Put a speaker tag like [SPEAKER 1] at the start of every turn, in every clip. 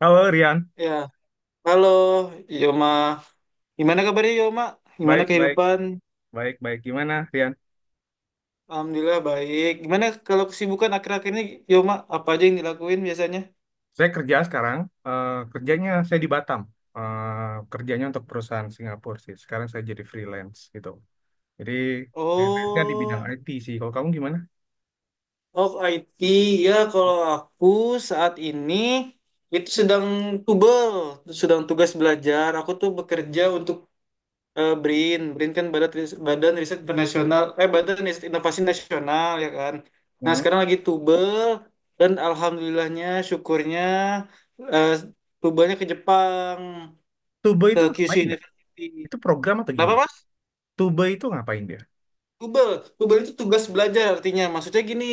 [SPEAKER 1] Halo, Rian.
[SPEAKER 2] Ya, halo Yoma. Gimana kabarnya Yoma? Gimana
[SPEAKER 1] Baik, baik,
[SPEAKER 2] kehidupan?
[SPEAKER 1] baik, baik. Gimana, Rian?
[SPEAKER 2] Alhamdulillah baik. Gimana kalau kesibukan akhir-akhir ini Yoma? Apa aja yang dilakuin biasanya?
[SPEAKER 1] Saya kerja sekarang. Kerjanya saya di Batam. Kerjanya untuk perusahaan Singapura sih. Sekarang saya jadi freelance gitu. Jadi freelance-nya di bidang
[SPEAKER 2] Oh,
[SPEAKER 1] IT sih. Kalau kamu gimana?
[SPEAKER 2] of IT. Ya, kalau aku saat ini itu sedang tubel, sedang tugas belajar. Aku tuh bekerja untuk BRIN. Kan Badan Riset, Badan Riset Internasional, Badan Riset Inovasi Nasional, ya kan. Nah
[SPEAKER 1] Hmm.
[SPEAKER 2] sekarang lagi tubel dan alhamdulillahnya, syukurnya, eh, tubelnya ke Jepang,
[SPEAKER 1] Tube
[SPEAKER 2] ke
[SPEAKER 1] itu
[SPEAKER 2] Kyushu
[SPEAKER 1] ngapain ya?
[SPEAKER 2] University.
[SPEAKER 1] Itu program atau
[SPEAKER 2] Kenapa
[SPEAKER 1] gimana?
[SPEAKER 2] Mas?
[SPEAKER 1] Tube itu ngapain dia?
[SPEAKER 2] Google, itu tugas belajar artinya. Maksudnya gini,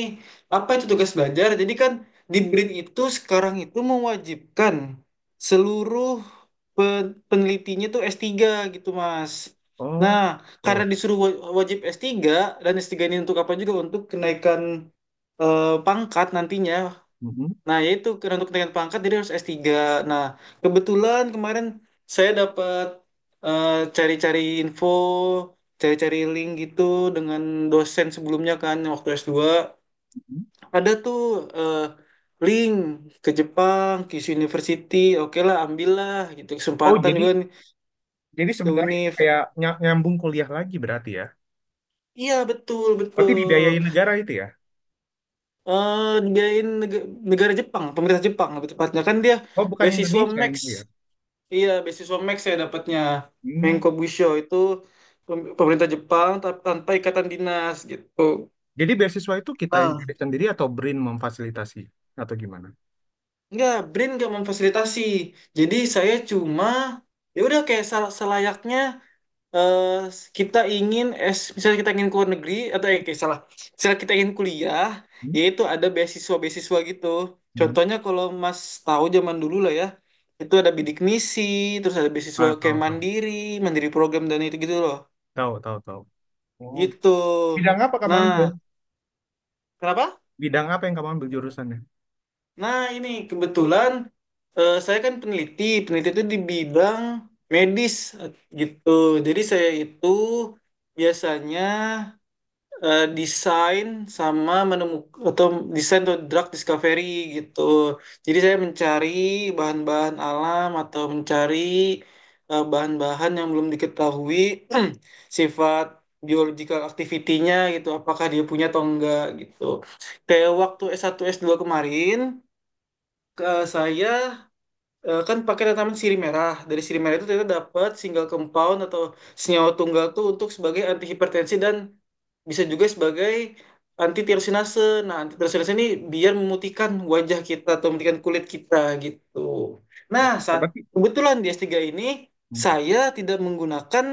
[SPEAKER 2] apa itu tugas belajar? Jadi kan di BRIN itu sekarang itu mewajibkan seluruh penelitinya tuh s tiga gitu, Mas. Nah,
[SPEAKER 1] Oh,
[SPEAKER 2] karena
[SPEAKER 1] tuh.
[SPEAKER 2] disuruh wajib s tiga, dan s tiga ini untuk apa juga? Untuk kenaikan pangkat nantinya.
[SPEAKER 1] Mhm.
[SPEAKER 2] Nah, yaitu karena untuk kenaikan pangkat jadi harus s tiga. Nah, kebetulan kemarin saya dapat, eh, cari-cari info, cari-cari link gitu dengan dosen sebelumnya kan yang waktu s dua. Ada tuh eh, link ke Jepang, Kyushu University. Oke lah, ambillah gitu
[SPEAKER 1] Oh,
[SPEAKER 2] kesempatan
[SPEAKER 1] jadi
[SPEAKER 2] juga nih
[SPEAKER 1] jadi
[SPEAKER 2] ke
[SPEAKER 1] sebenarnya
[SPEAKER 2] UNIF.
[SPEAKER 1] kayak nyambung kuliah lagi berarti ya.
[SPEAKER 2] Iya, betul,
[SPEAKER 1] Berarti
[SPEAKER 2] betul.
[SPEAKER 1] dibiayain negara itu ya?
[SPEAKER 2] Eh, dibiayain negara Jepang, pemerintah Jepang lebih tepatnya, kan dia
[SPEAKER 1] Oh, bukan
[SPEAKER 2] beasiswa
[SPEAKER 1] Indonesia
[SPEAKER 2] Max.
[SPEAKER 1] itu ya?
[SPEAKER 2] Iya, beasiswa Max saya dapatnya.
[SPEAKER 1] Hmm.
[SPEAKER 2] Menko Bushido itu pemerintah Jepang, tanpa ikatan dinas gitu.
[SPEAKER 1] Jadi beasiswa itu kita yang
[SPEAKER 2] Nah,
[SPEAKER 1] cari sendiri atau BRIN memfasilitasi atau gimana?
[SPEAKER 2] enggak, BRIN nggak memfasilitasi. Jadi saya cuma ya udah kayak selayaknya, eh, kita ingin es misalnya kita ingin ke negeri atau kayak salah. Misalnya kita ingin kuliah,
[SPEAKER 1] Hmm?
[SPEAKER 2] yaitu ada beasiswa-beasiswa gitu.
[SPEAKER 1] Hmm.
[SPEAKER 2] Contohnya kalau Mas tahu zaman dulu lah ya, itu ada bidik misi, terus ada beasiswa
[SPEAKER 1] Ah,
[SPEAKER 2] kayak
[SPEAKER 1] tahu, tahu.
[SPEAKER 2] mandiri, mandiri program dan itu gitu loh.
[SPEAKER 1] Tahu, tahu, tahu. Oh,
[SPEAKER 2] Gitu.
[SPEAKER 1] bidang apa kamu ambil?
[SPEAKER 2] Nah, kenapa?
[SPEAKER 1] Bidang apa yang kamu ambil jurusannya?
[SPEAKER 2] Nah, ini kebetulan, saya kan peneliti. Peneliti itu di bidang medis, eh, gitu. Jadi saya itu biasanya desain sama menemukan, atau desain, atau drug discovery gitu. Jadi saya mencari bahan-bahan alam atau mencari bahan-bahan yang belum diketahui sifat biological activity-nya gitu, apakah dia punya atau enggak gitu. Kayak waktu S1 S2 kemarin, ke saya kan pakai tanaman sirih merah. Dari sirih merah itu ternyata dapat single compound atau senyawa tunggal tuh untuk sebagai anti hipertensi, dan bisa juga sebagai anti tirosinase. Nah, anti tirosinase ini biar memutihkan wajah kita atau memutihkan kulit kita gitu. Nah,
[SPEAKER 1] Oh,
[SPEAKER 2] saat
[SPEAKER 1] berarti.
[SPEAKER 2] kebetulan di S3 ini
[SPEAKER 1] Hmm,
[SPEAKER 2] saya tidak menggunakan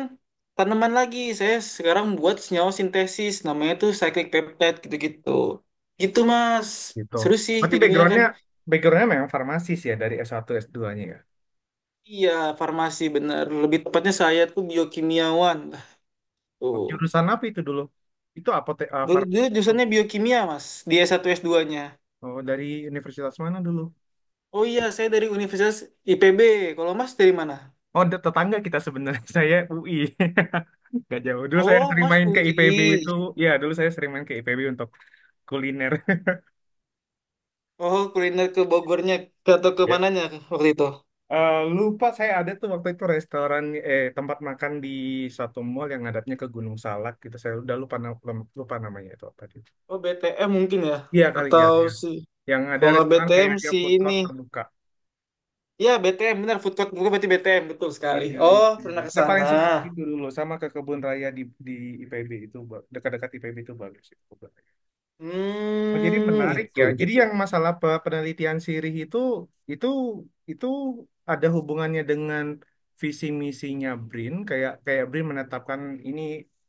[SPEAKER 2] tanaman lagi. Saya sekarang buat senyawa sintesis, namanya tuh cyclic peptide gitu-gitu. Gitu, Mas.
[SPEAKER 1] gitu.
[SPEAKER 2] Seru sih
[SPEAKER 1] Berarti
[SPEAKER 2] jadinya kan.
[SPEAKER 1] backgroundnya backgroundnya memang farmasi sih ya dari S1 S2-nya ya.
[SPEAKER 2] Iya, farmasi bener. Lebih tepatnya saya tuh biokimiawan.
[SPEAKER 1] Oh,
[SPEAKER 2] Tuh.
[SPEAKER 1] jurusan apa itu dulu? Itu
[SPEAKER 2] Dulu,
[SPEAKER 1] farmasi. Oh,
[SPEAKER 2] jurusannya biokimia, Mas. Di S1, S2-nya.
[SPEAKER 1] oh, dari universitas mana dulu?
[SPEAKER 2] Oh iya, saya dari Universitas IPB. Kalau Mas dari mana?
[SPEAKER 1] Oh, tetangga kita sebenarnya. Saya UI. Gak jauh. Dulu saya
[SPEAKER 2] Oh,
[SPEAKER 1] sering
[SPEAKER 2] Mas
[SPEAKER 1] main ke IPB
[SPEAKER 2] UI.
[SPEAKER 1] itu. Ya, dulu saya sering main ke IPB untuk kuliner.
[SPEAKER 2] Oh, kuliner ke Bogornya atau ke mananya waktu itu?
[SPEAKER 1] Lupa saya ada tuh waktu itu restoran eh tempat makan di satu mall yang ngadapnya ke Gunung Salak gitu. Saya udah lupa lupa namanya itu apa itu.
[SPEAKER 2] Oh, BTM mungkin ya.
[SPEAKER 1] Iya kali ya,
[SPEAKER 2] Atau
[SPEAKER 1] iya.
[SPEAKER 2] si,
[SPEAKER 1] Yang ada
[SPEAKER 2] kalau nggak
[SPEAKER 1] restoran
[SPEAKER 2] BTM
[SPEAKER 1] kayak dia
[SPEAKER 2] si
[SPEAKER 1] food court
[SPEAKER 2] ini.
[SPEAKER 1] terbuka.
[SPEAKER 2] Ya, BTM benar. Food court bukan, berarti BTM betul sekali.
[SPEAKER 1] Iya,
[SPEAKER 2] Oh,
[SPEAKER 1] itu, ya.
[SPEAKER 2] pernah ke
[SPEAKER 1] Saya paling
[SPEAKER 2] sana.
[SPEAKER 1] suka ke situ dulu sama ke kebun raya di IPB itu dekat-dekat IPB itu bagus itu. Oh, jadi
[SPEAKER 2] Hmm,
[SPEAKER 1] menarik
[SPEAKER 2] gitu
[SPEAKER 1] ya. Jadi
[SPEAKER 2] gitu.
[SPEAKER 1] yang masalah penelitian sirih itu itu itu ada hubungannya dengan visi misinya BRIN kayak kayak BRIN menetapkan ini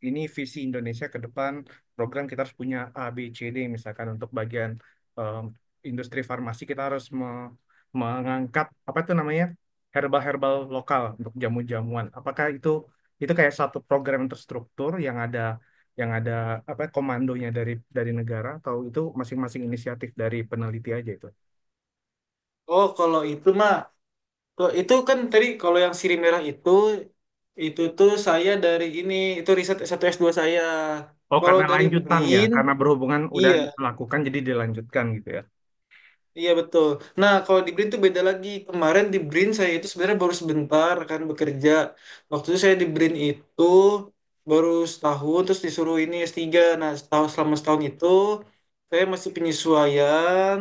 [SPEAKER 1] ini visi Indonesia ke depan, program kita harus punya A B C D misalkan untuk bagian em, industri farmasi kita harus mengangkat apa itu namanya, herbal-herbal lokal untuk jamu-jamuan. Apakah itu kayak satu program yang terstruktur yang ada apa komandonya dari negara, atau itu masing-masing inisiatif dari peneliti aja itu?
[SPEAKER 2] Oh, kalau itu mah, kok itu kan tadi kalau yang sirih merah itu tuh saya dari ini itu riset satu s dua saya.
[SPEAKER 1] Oh,
[SPEAKER 2] Kalau
[SPEAKER 1] karena
[SPEAKER 2] dari
[SPEAKER 1] lanjutan ya,
[SPEAKER 2] BRIN,
[SPEAKER 1] karena berhubungan udah
[SPEAKER 2] iya,
[SPEAKER 1] dilakukan jadi dilanjutkan gitu ya.
[SPEAKER 2] iya betul. Nah, kalau di BRIN tuh beda lagi. Kemarin di BRIN saya itu sebenarnya baru sebentar kan bekerja. Waktu itu saya di BRIN itu baru setahun, terus disuruh ini s tiga. Nah, setahun, selama setahun itu saya masih penyesuaian.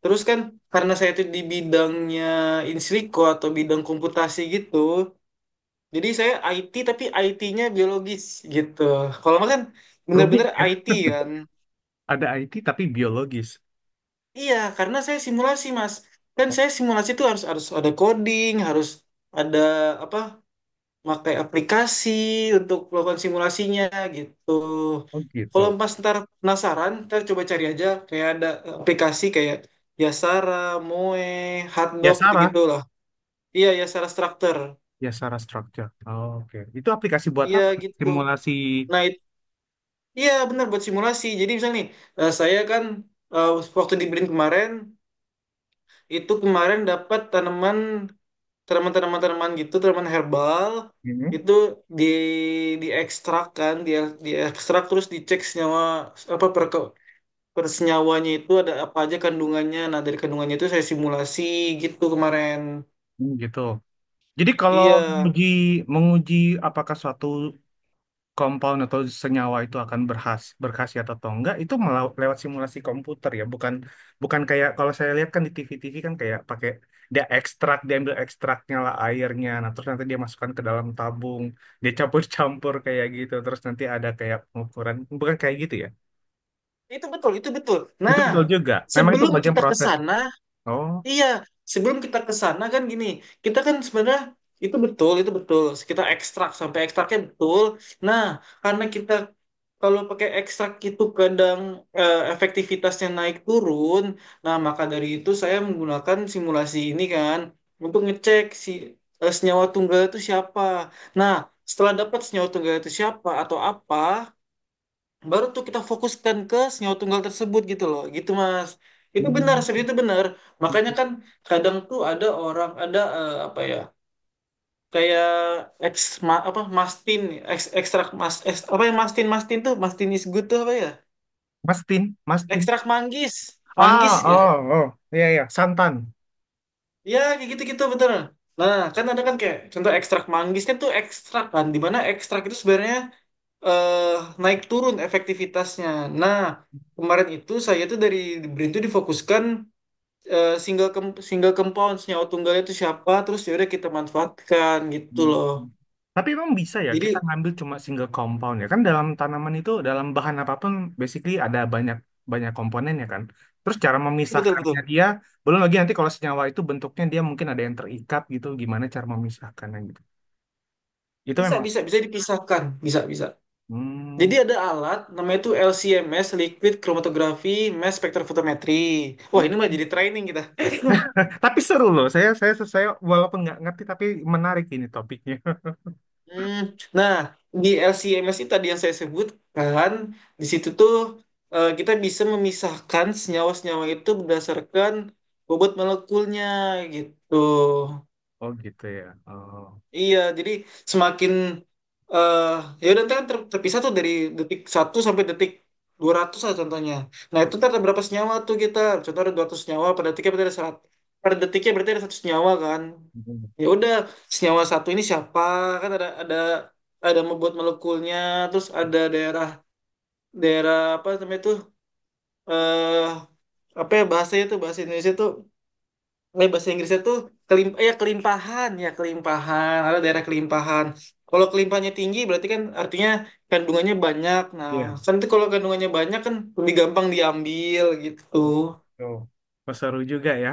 [SPEAKER 2] Terus kan karena saya itu di bidangnya insiliko atau bidang komputasi gitu. Jadi saya IT, tapi IT-nya biologis gitu. Kalau Mas kan
[SPEAKER 1] Rumit
[SPEAKER 2] bener-bener
[SPEAKER 1] ya.
[SPEAKER 2] IT kan.
[SPEAKER 1] Ada IT tapi biologis.
[SPEAKER 2] Iya, karena saya simulasi, Mas. Kan
[SPEAKER 1] Oh,
[SPEAKER 2] saya simulasi itu harus harus ada coding, harus ada apa? Pakai aplikasi untuk melakukan simulasinya gitu.
[SPEAKER 1] oh gitu.
[SPEAKER 2] Kalau Mas ntar penasaran, ntar coba cari aja kayak ada aplikasi kayak Yasara, Moe,
[SPEAKER 1] Ya
[SPEAKER 2] Hotdog
[SPEAKER 1] Sarah,
[SPEAKER 2] gitu-gitu lah. Iya, Yasara Structure.
[SPEAKER 1] ya Sarah Structure. Oh, oke. Itu aplikasi buat
[SPEAKER 2] Iya
[SPEAKER 1] apa?
[SPEAKER 2] gitu.
[SPEAKER 1] Simulasi
[SPEAKER 2] Nah, itu, iya benar, buat simulasi. Jadi misalnya nih, saya kan, eh, waktu di Blink kemarin itu, kemarin dapat tanaman tanaman tanaman tanaman gitu, tanaman herbal
[SPEAKER 1] ini.
[SPEAKER 2] itu di diekstrak kan, dia diekstrak terus dicek senyawa apa persenyawanya itu ada apa aja kandungannya. Nah dari kandungannya itu saya simulasi gitu kemarin.
[SPEAKER 1] Hmm, gitu. Jadi kalau
[SPEAKER 2] Iya,
[SPEAKER 1] menguji, menguji apakah suatu kompoun atau senyawa itu akan berkhasiat atau enggak, itu lewat simulasi komputer ya, bukan bukan kayak kalau saya lihat kan di TV-TV kan kayak pakai, dia ekstrak, dia ambil ekstraknya lah, airnya, nah terus nanti dia masukkan ke dalam tabung, dia campur-campur kayak gitu, terus nanti ada kayak pengukuran, bukan kayak gitu ya
[SPEAKER 2] itu betul, itu betul.
[SPEAKER 1] itu
[SPEAKER 2] Nah
[SPEAKER 1] betul juga memang itu
[SPEAKER 2] sebelum
[SPEAKER 1] bagian
[SPEAKER 2] kita ke
[SPEAKER 1] proses.
[SPEAKER 2] sana.
[SPEAKER 1] Oh.
[SPEAKER 2] Iya, sebelum kita ke sana kan gini, kita kan sebenarnya, itu betul, itu betul. Kita ekstrak sampai ekstraknya betul. Nah, karena kita kalau pakai ekstrak itu kadang efektivitasnya naik turun. Nah, maka dari itu saya menggunakan simulasi ini kan untuk ngecek si, senyawa tunggal itu siapa. Nah, setelah dapat senyawa tunggal itu siapa atau apa, baru tuh kita fokuskan ke senyawa tunggal tersebut gitu loh, gitu mas, itu benar seperti
[SPEAKER 1] Hmm.
[SPEAKER 2] itu benar. Makanya kan kadang tuh ada orang ada, apa ya, kayak ex apa mastin, ex ekstrak mas apa yang mastin, mastin tuh mastin is good tuh apa ya.
[SPEAKER 1] Mastin, Mastin.
[SPEAKER 2] Ekstrak manggis,
[SPEAKER 1] Ah,
[SPEAKER 2] manggis ya.
[SPEAKER 1] oh, oh, iya, iya, santan.
[SPEAKER 2] Ya, kayak gitu-gitu betul. Nah, kan ada kan kayak contoh ekstrak manggis kan tuh ekstrak kan, di mana ekstrak itu sebenarnya eh, naik turun efektivitasnya. Nah, kemarin itu saya tuh dari BRIN tuh difokuskan, single compound, senyawa tunggalnya itu siapa, terus ya udah kita manfaatkan gitu loh.
[SPEAKER 1] Tapi emang bisa ya
[SPEAKER 2] Jadi
[SPEAKER 1] kita ngambil cuma single compound ya kan, dalam tanaman itu, dalam bahan apapun basically ada banyak banyak komponennya kan. Terus cara
[SPEAKER 2] iya, betul betul.
[SPEAKER 1] memisahkannya dia belum lagi nanti kalau senyawa itu bentuknya dia mungkin ada yang terikat gitu, gimana cara memisahkannya gitu. Itu
[SPEAKER 2] Bisa
[SPEAKER 1] memang
[SPEAKER 2] bisa bisa dipisahkan, bisa bisa.
[SPEAKER 1] hmm,
[SPEAKER 2] Jadi ada alat namanya itu LCMS, Liquid Chromatography Mass Spectrophotometry. Wah,
[SPEAKER 1] hmm.
[SPEAKER 2] ini mah jadi training kita.
[SPEAKER 1] Tapi seru loh. Saya walaupun nggak ngerti tapi menarik ini topiknya.
[SPEAKER 2] Hmm, nah, di LCMS itu tadi yang saya sebutkan, di situ tuh kita bisa memisahkan senyawa-senyawa itu berdasarkan bobot molekulnya gitu.
[SPEAKER 1] Oh gitu ya. Oh.
[SPEAKER 2] Iya, jadi semakin, eh ya udah ntar kan terpisah tuh dari detik satu sampai detik 200 lah contohnya. Nah, itu ntar ada berapa senyawa tuh kita? Contoh ada 200 senyawa, per detiknya berarti ada 100. Per detiknya berarti ada satu senyawa kan. Ya udah, senyawa satu ini siapa? Kan ada, membuat molekulnya, terus ada daerah, apa namanya tuh, eh apa ya bahasanya tuh, bahasa Indonesia tuh, bahasa Inggrisnya tuh ya kelimpahan, ada daerah kelimpahan. Kalau kelimpahannya tinggi berarti kan artinya kandungannya banyak. Nah
[SPEAKER 1] Iya.
[SPEAKER 2] kan itu kalau kandungannya banyak kan lebih gampang diambil gitu.
[SPEAKER 1] Oh, seru juga ya.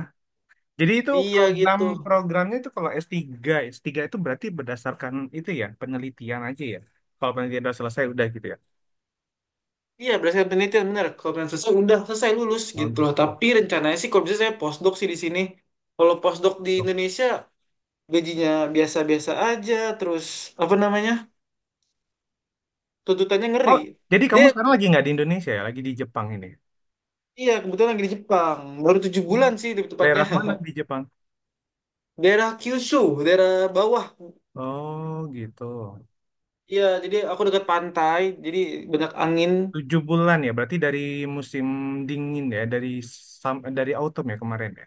[SPEAKER 1] Jadi itu
[SPEAKER 2] Iya
[SPEAKER 1] program
[SPEAKER 2] gitu,
[SPEAKER 1] programnya itu kalau S3, S3 itu berarti berdasarkan itu ya, penelitian aja ya. Kalau penelitian udah selesai udah gitu ya.
[SPEAKER 2] iya berdasarkan penelitian benar. Kalau penelitian selesai udah selesai lulus
[SPEAKER 1] Oh,
[SPEAKER 2] gitu loh,
[SPEAKER 1] gitu.
[SPEAKER 2] tapi rencananya sih kalau bisa saya postdoc sih di sini. Kalau postdoc di Indonesia gajinya biasa-biasa aja, terus apa namanya, tuntutannya
[SPEAKER 1] Oh,
[SPEAKER 2] ngeri.
[SPEAKER 1] jadi kamu
[SPEAKER 2] Dia,
[SPEAKER 1] sekarang lagi nggak di Indonesia ya, lagi di Jepang ini.
[SPEAKER 2] iya, kebetulan lagi di Jepang. Baru tujuh
[SPEAKER 1] Oh.
[SPEAKER 2] bulan sih lebih tepatnya.
[SPEAKER 1] Daerah mana di Jepang?
[SPEAKER 2] Daerah Kyushu, daerah bawah.
[SPEAKER 1] Oh, gitu.
[SPEAKER 2] Iya, jadi aku dekat pantai, jadi banyak angin.
[SPEAKER 1] 7 bulan ya, berarti dari musim dingin ya, dari dari autumn ya kemarin ya.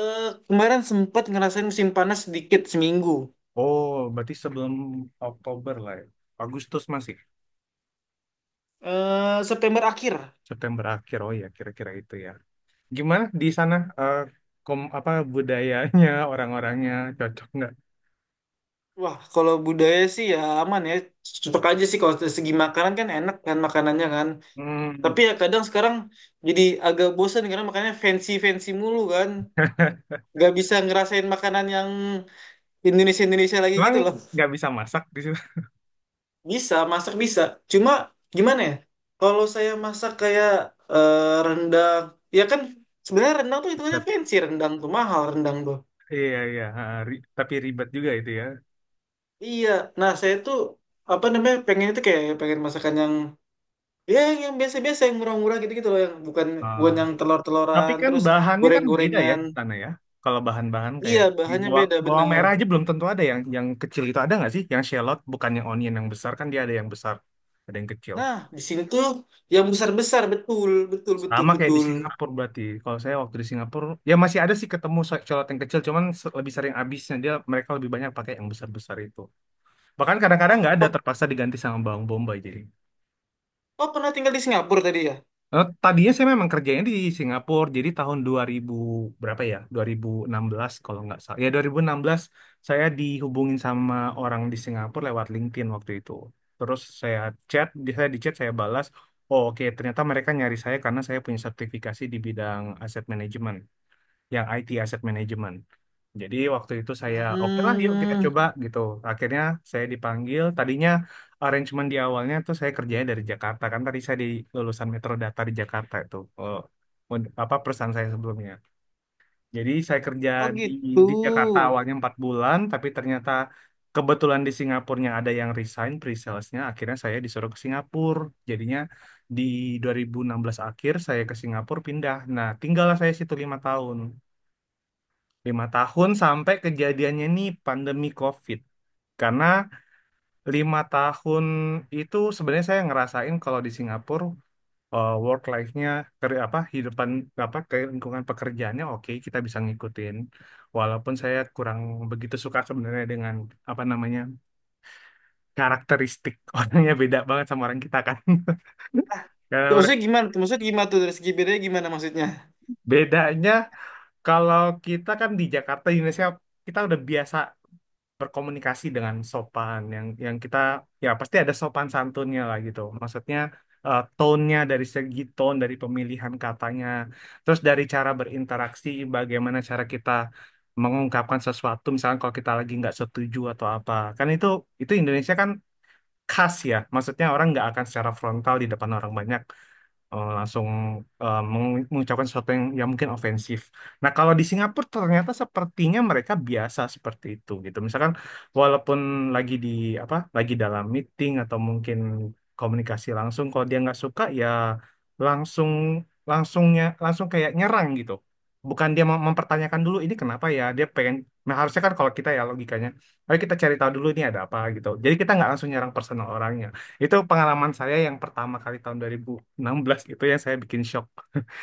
[SPEAKER 2] Eh, kemarin sempat ngerasain musim panas sedikit seminggu.
[SPEAKER 1] Oh, berarti sebelum Oktober lah ya. Agustus masih,
[SPEAKER 2] Eh, September akhir.
[SPEAKER 1] September akhir. Oh ya, kira-kira itu ya. Gimana di sana eh, apa budayanya orang-orangnya cocok nggak?
[SPEAKER 2] Wah, kalau budaya sih ya aman ya. Cepet aja sih, kalau dari segi makanan kan enak kan makanannya kan. Tapi
[SPEAKER 1] Hmm.
[SPEAKER 2] ya kadang sekarang jadi agak bosan karena makanannya fancy-fancy mulu kan. Gak bisa ngerasain makanan yang Indonesia-Indonesia lagi
[SPEAKER 1] Emang
[SPEAKER 2] gitu loh.
[SPEAKER 1] nggak bisa masak di situ.
[SPEAKER 2] Bisa, masak bisa. Cuma gimana ya? Kalau saya masak kayak rendang, ya kan sebenarnya rendang tuh hitungannya
[SPEAKER 1] Tapi-
[SPEAKER 2] fancy, rendang tuh mahal rendang tuh.
[SPEAKER 1] Iya, iya, tapi ribet juga itu ya.
[SPEAKER 2] Iya, nah saya tuh apa namanya, pengen itu kayak pengen masakan yang ya, yang biasa-biasa, yang murah-murah gitu-gitu loh, yang bukan,
[SPEAKER 1] Ah.
[SPEAKER 2] yang
[SPEAKER 1] Tapi
[SPEAKER 2] telur-teloran
[SPEAKER 1] kan
[SPEAKER 2] terus
[SPEAKER 1] bahannya kan beda ya
[SPEAKER 2] goreng-gorengan.
[SPEAKER 1] di sana ya. Kalau bahan-bahan
[SPEAKER 2] Iya,
[SPEAKER 1] kayak
[SPEAKER 2] bahannya
[SPEAKER 1] bawang,
[SPEAKER 2] beda
[SPEAKER 1] bawang
[SPEAKER 2] bener.
[SPEAKER 1] merah aja belum tentu ada yang kecil itu ada nggak sih? Yang shallot bukannya onion yang besar, kan dia ada yang besar, ada yang kecil.
[SPEAKER 2] Nah, di sini tuh yang besar-besar, betul, betul, betul,
[SPEAKER 1] Sama kayak di
[SPEAKER 2] betul.
[SPEAKER 1] Singapura berarti. Kalau saya waktu di Singapura, ya masih ada sih ketemu colot yang kecil, cuman lebih sering habisnya dia, mereka lebih banyak pakai yang besar-besar itu. Bahkan kadang-kadang
[SPEAKER 2] Oh,
[SPEAKER 1] nggak ada,
[SPEAKER 2] oh,
[SPEAKER 1] terpaksa diganti sama bawang bombay jadi.
[SPEAKER 2] oh pernah tinggal di Singapura tadi ya?
[SPEAKER 1] Tadinya saya memang kerjanya di Singapura, jadi tahun 2000 berapa ya? 2016 kalau nggak salah. Ya, 2016 saya dihubungin sama orang di Singapura lewat LinkedIn waktu itu. Terus saya chat, saya di chat, saya balas, oh, oke ternyata mereka nyari saya karena saya punya sertifikasi di bidang aset manajemen, yang IT Asset Management. Jadi waktu itu saya oke lah yuk kita
[SPEAKER 2] Hmm.
[SPEAKER 1] coba gitu. Akhirnya saya dipanggil. Tadinya arrangement di awalnya tuh saya kerjanya dari Jakarta, kan tadi saya di lulusan Metro Data di Jakarta itu, apa perusahaan saya sebelumnya. Jadi saya kerja
[SPEAKER 2] Oh
[SPEAKER 1] di
[SPEAKER 2] gitu.
[SPEAKER 1] di Jakarta awalnya 4 bulan, tapi ternyata kebetulan di Singapurnya ada yang resign pre-salesnya. Akhirnya saya disuruh ke Singapura. Jadinya di 2016 akhir saya ke Singapura pindah. Nah, tinggallah saya situ 5 tahun. 5 tahun sampai kejadiannya nih pandemi COVID. Karena 5 tahun itu sebenarnya saya ngerasain kalau di Singapura, work life-nya, apa hidupan, apa ke lingkungan pekerjaannya, oke kita bisa ngikutin. Walaupun saya kurang begitu suka sebenarnya dengan apa namanya, karakteristik orangnya beda banget sama orang kita kan.
[SPEAKER 2] Nah,
[SPEAKER 1] Karena
[SPEAKER 2] maksudnya gimana tuh? Maksudnya gimana tuh, dari segi bedanya gimana maksudnya?
[SPEAKER 1] bedanya kalau kita kan di Jakarta di Indonesia, kita udah biasa berkomunikasi dengan sopan, yang kita ya pasti ada sopan santunnya lah gitu. Maksudnya tone-nya, dari segi tone, dari pemilihan katanya, terus dari cara berinteraksi, bagaimana cara kita mengungkapkan sesuatu misalnya kalau kita lagi nggak setuju atau apa. Kan itu Indonesia kan khas ya. Maksudnya orang nggak akan secara frontal di depan orang banyak langsung mengucapkan sesuatu yang mungkin ofensif. Nah, kalau di Singapura ternyata sepertinya mereka biasa seperti itu gitu. Misalkan walaupun lagi di apa, lagi dalam meeting atau mungkin komunikasi langsung, kalau dia nggak suka ya langsung langsungnya langsung kayak nyerang gitu. Bukan dia mempertanyakan dulu ini kenapa ya, dia pengen. Nah, harusnya kan kalau kita ya logikanya, ayo kita cari tahu dulu ini ada apa gitu. Jadi kita nggak langsung nyerang personal orangnya. Itu pengalaman saya yang pertama kali tahun 2016 itu yang saya bikin shock.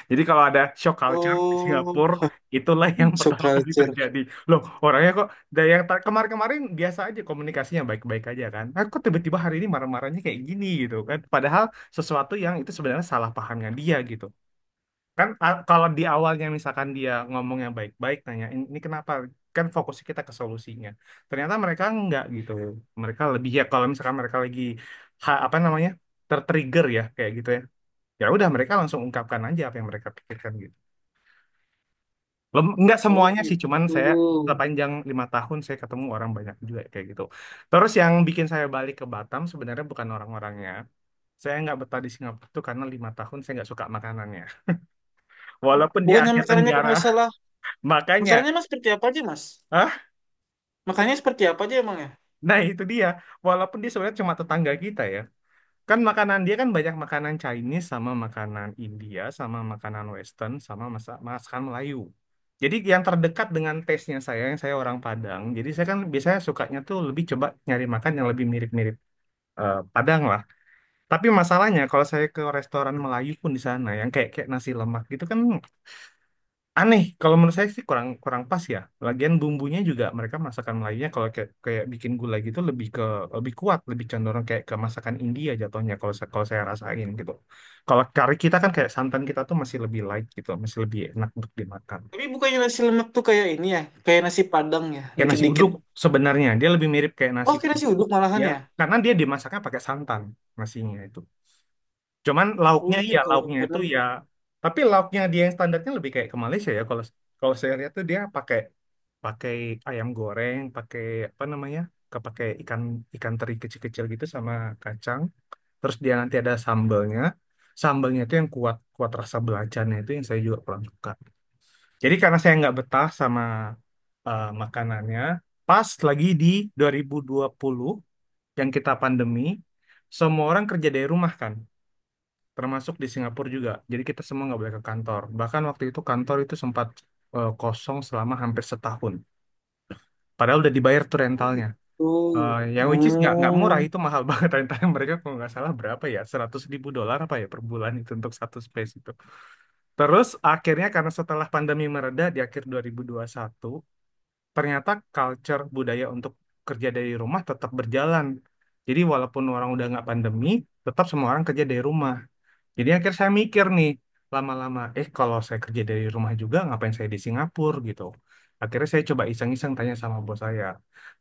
[SPEAKER 1] Jadi kalau ada shock culture di
[SPEAKER 2] Oh,
[SPEAKER 1] Singapura, itulah yang
[SPEAKER 2] so
[SPEAKER 1] pertama kali
[SPEAKER 2] culture.
[SPEAKER 1] terjadi. Loh, orangnya kok dari yang kemarin-kemarin biasa aja komunikasinya baik-baik aja kan. Nah, kok tiba-tiba hari ini marah-marahnya kayak gini gitu kan. Padahal sesuatu yang itu sebenarnya salah pahamnya dia gitu kan, kalau di awalnya misalkan dia ngomong yang baik-baik nanya ini kenapa, kan fokusnya kita ke solusinya, ternyata mereka enggak gitu, mereka lebih, ya kalau misalkan mereka lagi apa namanya tertrigger ya kayak gitu ya, ya udah mereka langsung ungkapkan aja apa yang mereka pikirkan gitu. Lem, enggak
[SPEAKER 2] Oh
[SPEAKER 1] semuanya sih
[SPEAKER 2] gitu.
[SPEAKER 1] cuman saya sepanjang 5 tahun saya ketemu orang banyak juga kayak gitu. Terus yang bikin saya balik ke Batam sebenarnya bukan orang-orangnya, saya nggak betah di Singapura tuh karena 5 tahun saya nggak suka makanannya
[SPEAKER 2] Hah?
[SPEAKER 1] walaupun dia
[SPEAKER 2] Bukannya
[SPEAKER 1] Asia
[SPEAKER 2] makanannya kalau
[SPEAKER 1] Tenggara.
[SPEAKER 2] nggak salah,
[SPEAKER 1] Makanya.
[SPEAKER 2] makanannya mas seperti apa aja mas?
[SPEAKER 1] Hah?
[SPEAKER 2] Makannya seperti apa aja emang ya?
[SPEAKER 1] Nah itu dia. Walaupun dia sebenarnya cuma tetangga kita ya. Kan makanan dia kan banyak makanan Chinese sama makanan India sama makanan Western sama masakan Melayu. Jadi yang terdekat dengan taste-nya saya, yang saya orang Padang. Jadi saya kan biasanya sukanya tuh lebih coba nyari makan yang lebih mirip-mirip Padang lah. Tapi masalahnya kalau saya ke restoran Melayu pun di sana yang kayak kayak nasi lemak gitu kan aneh, kalau menurut saya sih kurang kurang pas ya, lagian bumbunya juga, mereka masakan Melayunya kalau kayak bikin gulai gitu lebih ke, lebih kuat, lebih cenderung kayak ke masakan India jatuhnya kalau kalau saya rasain gitu. Kalau kari kita kan kayak santan kita tuh masih lebih light gitu, masih lebih enak untuk dimakan,
[SPEAKER 2] Tapi bukannya nasi lemak tuh kayak ini ya, kayak nasi Padang ya,
[SPEAKER 1] kayak nasi
[SPEAKER 2] dikit-dikit.
[SPEAKER 1] uduk, sebenarnya dia lebih mirip kayak nasi
[SPEAKER 2] Oh, kayak nasi
[SPEAKER 1] uduk
[SPEAKER 2] uduk malahan
[SPEAKER 1] ya,
[SPEAKER 2] ya?
[SPEAKER 1] karena dia dimasaknya pakai santan, nasinya itu. Cuman
[SPEAKER 2] Oh
[SPEAKER 1] lauknya,
[SPEAKER 2] iya,
[SPEAKER 1] ya
[SPEAKER 2] kalau
[SPEAKER 1] lauknya itu
[SPEAKER 2] Padang.
[SPEAKER 1] ya, tapi lauknya dia yang standarnya lebih kayak ke Malaysia ya, kalau kalau saya lihat tuh dia pakai pakai ayam goreng, pakai apa namanya? Pakai ikan, ikan teri kecil-kecil gitu sama kacang. Terus dia nanti ada sambalnya, sambalnya itu yang kuat kuat rasa belacannya itu yang saya juga kurang suka. Jadi karena saya nggak betah sama makanannya, pas lagi di dua 2020 yang kita pandemi, semua orang kerja dari rumah kan, termasuk di Singapura juga. Jadi kita semua nggak boleh ke kantor. Bahkan waktu itu kantor itu sempat kosong selama hampir setahun. Padahal udah dibayar tuh
[SPEAKER 2] Oh
[SPEAKER 1] rentalnya.
[SPEAKER 2] gitu.
[SPEAKER 1] Yang which is nggak murah
[SPEAKER 2] Hmm.
[SPEAKER 1] itu, mahal banget rentalnya mereka kalau nggak salah berapa ya, 100.000 dolar apa ya per bulan itu untuk satu space itu. Terus akhirnya karena setelah pandemi mereda di akhir 2021 ternyata culture budaya untuk kerja dari rumah tetap berjalan. Jadi walaupun orang udah nggak pandemi, tetap semua orang kerja dari rumah. Jadi akhirnya saya mikir nih lama-lama, kalau saya kerja dari rumah juga ngapain saya di Singapura gitu. Akhirnya saya coba iseng-iseng tanya sama bos saya,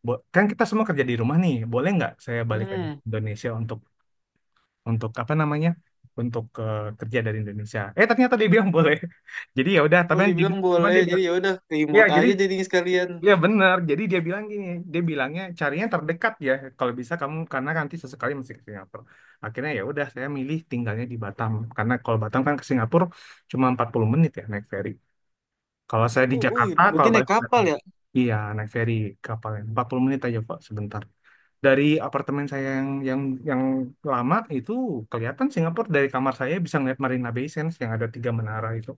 [SPEAKER 1] "Bo, kan kita semua kerja di rumah nih, boleh nggak saya balik aja ke
[SPEAKER 2] Hmm.
[SPEAKER 1] Indonesia untuk apa namanya, untuk kerja dari Indonesia?" Ternyata dia bilang boleh. Jadi ya udah,
[SPEAKER 2] Oh,
[SPEAKER 1] tapi kan dia,
[SPEAKER 2] dibilang
[SPEAKER 1] cuman
[SPEAKER 2] boleh.
[SPEAKER 1] dia
[SPEAKER 2] Jadi
[SPEAKER 1] bilang,
[SPEAKER 2] ya udah,
[SPEAKER 1] ya
[SPEAKER 2] remote
[SPEAKER 1] jadi,
[SPEAKER 2] aja jadinya sekalian.
[SPEAKER 1] iya benar. Jadi dia bilang gini, dia bilangnya carinya terdekat ya. Kalau bisa kamu, karena nanti sesekali masih ke Singapura. Akhirnya ya udah saya milih tinggalnya di Batam, karena kalau Batam kan ke Singapura cuma 40 menit ya naik ferry. Kalau saya di
[SPEAKER 2] Oh, oh,
[SPEAKER 1] Jakarta,
[SPEAKER 2] berarti
[SPEAKER 1] kalau
[SPEAKER 2] naik
[SPEAKER 1] balik ke
[SPEAKER 2] kapal
[SPEAKER 1] Batam.
[SPEAKER 2] ya?
[SPEAKER 1] Iya, naik ferry, kapalnya 40 menit aja kok sebentar. Dari apartemen saya yang yang lama itu kelihatan Singapura, dari kamar saya bisa ngeliat Marina Bay Sands yang ada 3 menara itu.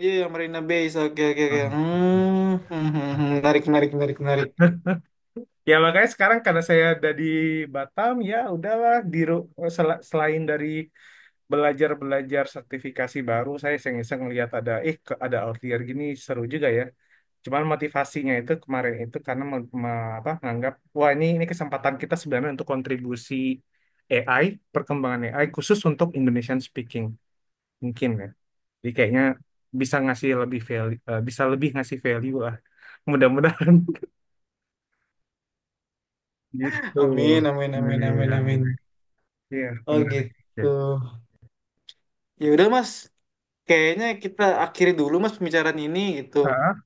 [SPEAKER 2] Iya, yang Marina Bay. So, oke, oke, oke. Hmm, hmm, hmm,
[SPEAKER 1] Ah.
[SPEAKER 2] hmm. Menarik, menarik, menarik, menarik.
[SPEAKER 1] Ya makanya sekarang karena saya ada di Batam ya udahlah, di selain dari belajar-belajar sertifikasi baru, saya iseng-iseng lihat ada ada outlier gini, seru juga ya. Cuman motivasinya itu kemarin itu karena apa, nganggap wah ini kesempatan kita sebenarnya untuk kontribusi AI, perkembangan AI khusus untuk Indonesian speaking mungkin ya. Jadi kayaknya bisa ngasih lebih value, bisa lebih ngasih value lah. Mudah-mudahan gitu.
[SPEAKER 2] Amin, amin,
[SPEAKER 1] Nah,
[SPEAKER 2] amin, amin,
[SPEAKER 1] iya.
[SPEAKER 2] amin.
[SPEAKER 1] Iya,
[SPEAKER 2] Oh
[SPEAKER 1] menarik. Oke.
[SPEAKER 2] gitu. Ya udah, Mas. Kayaknya kita akhiri dulu, Mas, pembicaraan ini gitu.
[SPEAKER 1] Ah,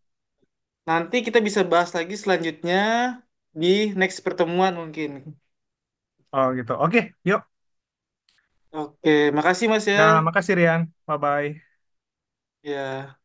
[SPEAKER 2] Nanti kita bisa bahas lagi selanjutnya di next pertemuan mungkin.
[SPEAKER 1] oh gitu. Oke, yuk.
[SPEAKER 2] Oke, makasih, Mas ya.
[SPEAKER 1] Nah, makasih Rian. Bye-bye.
[SPEAKER 2] Ya.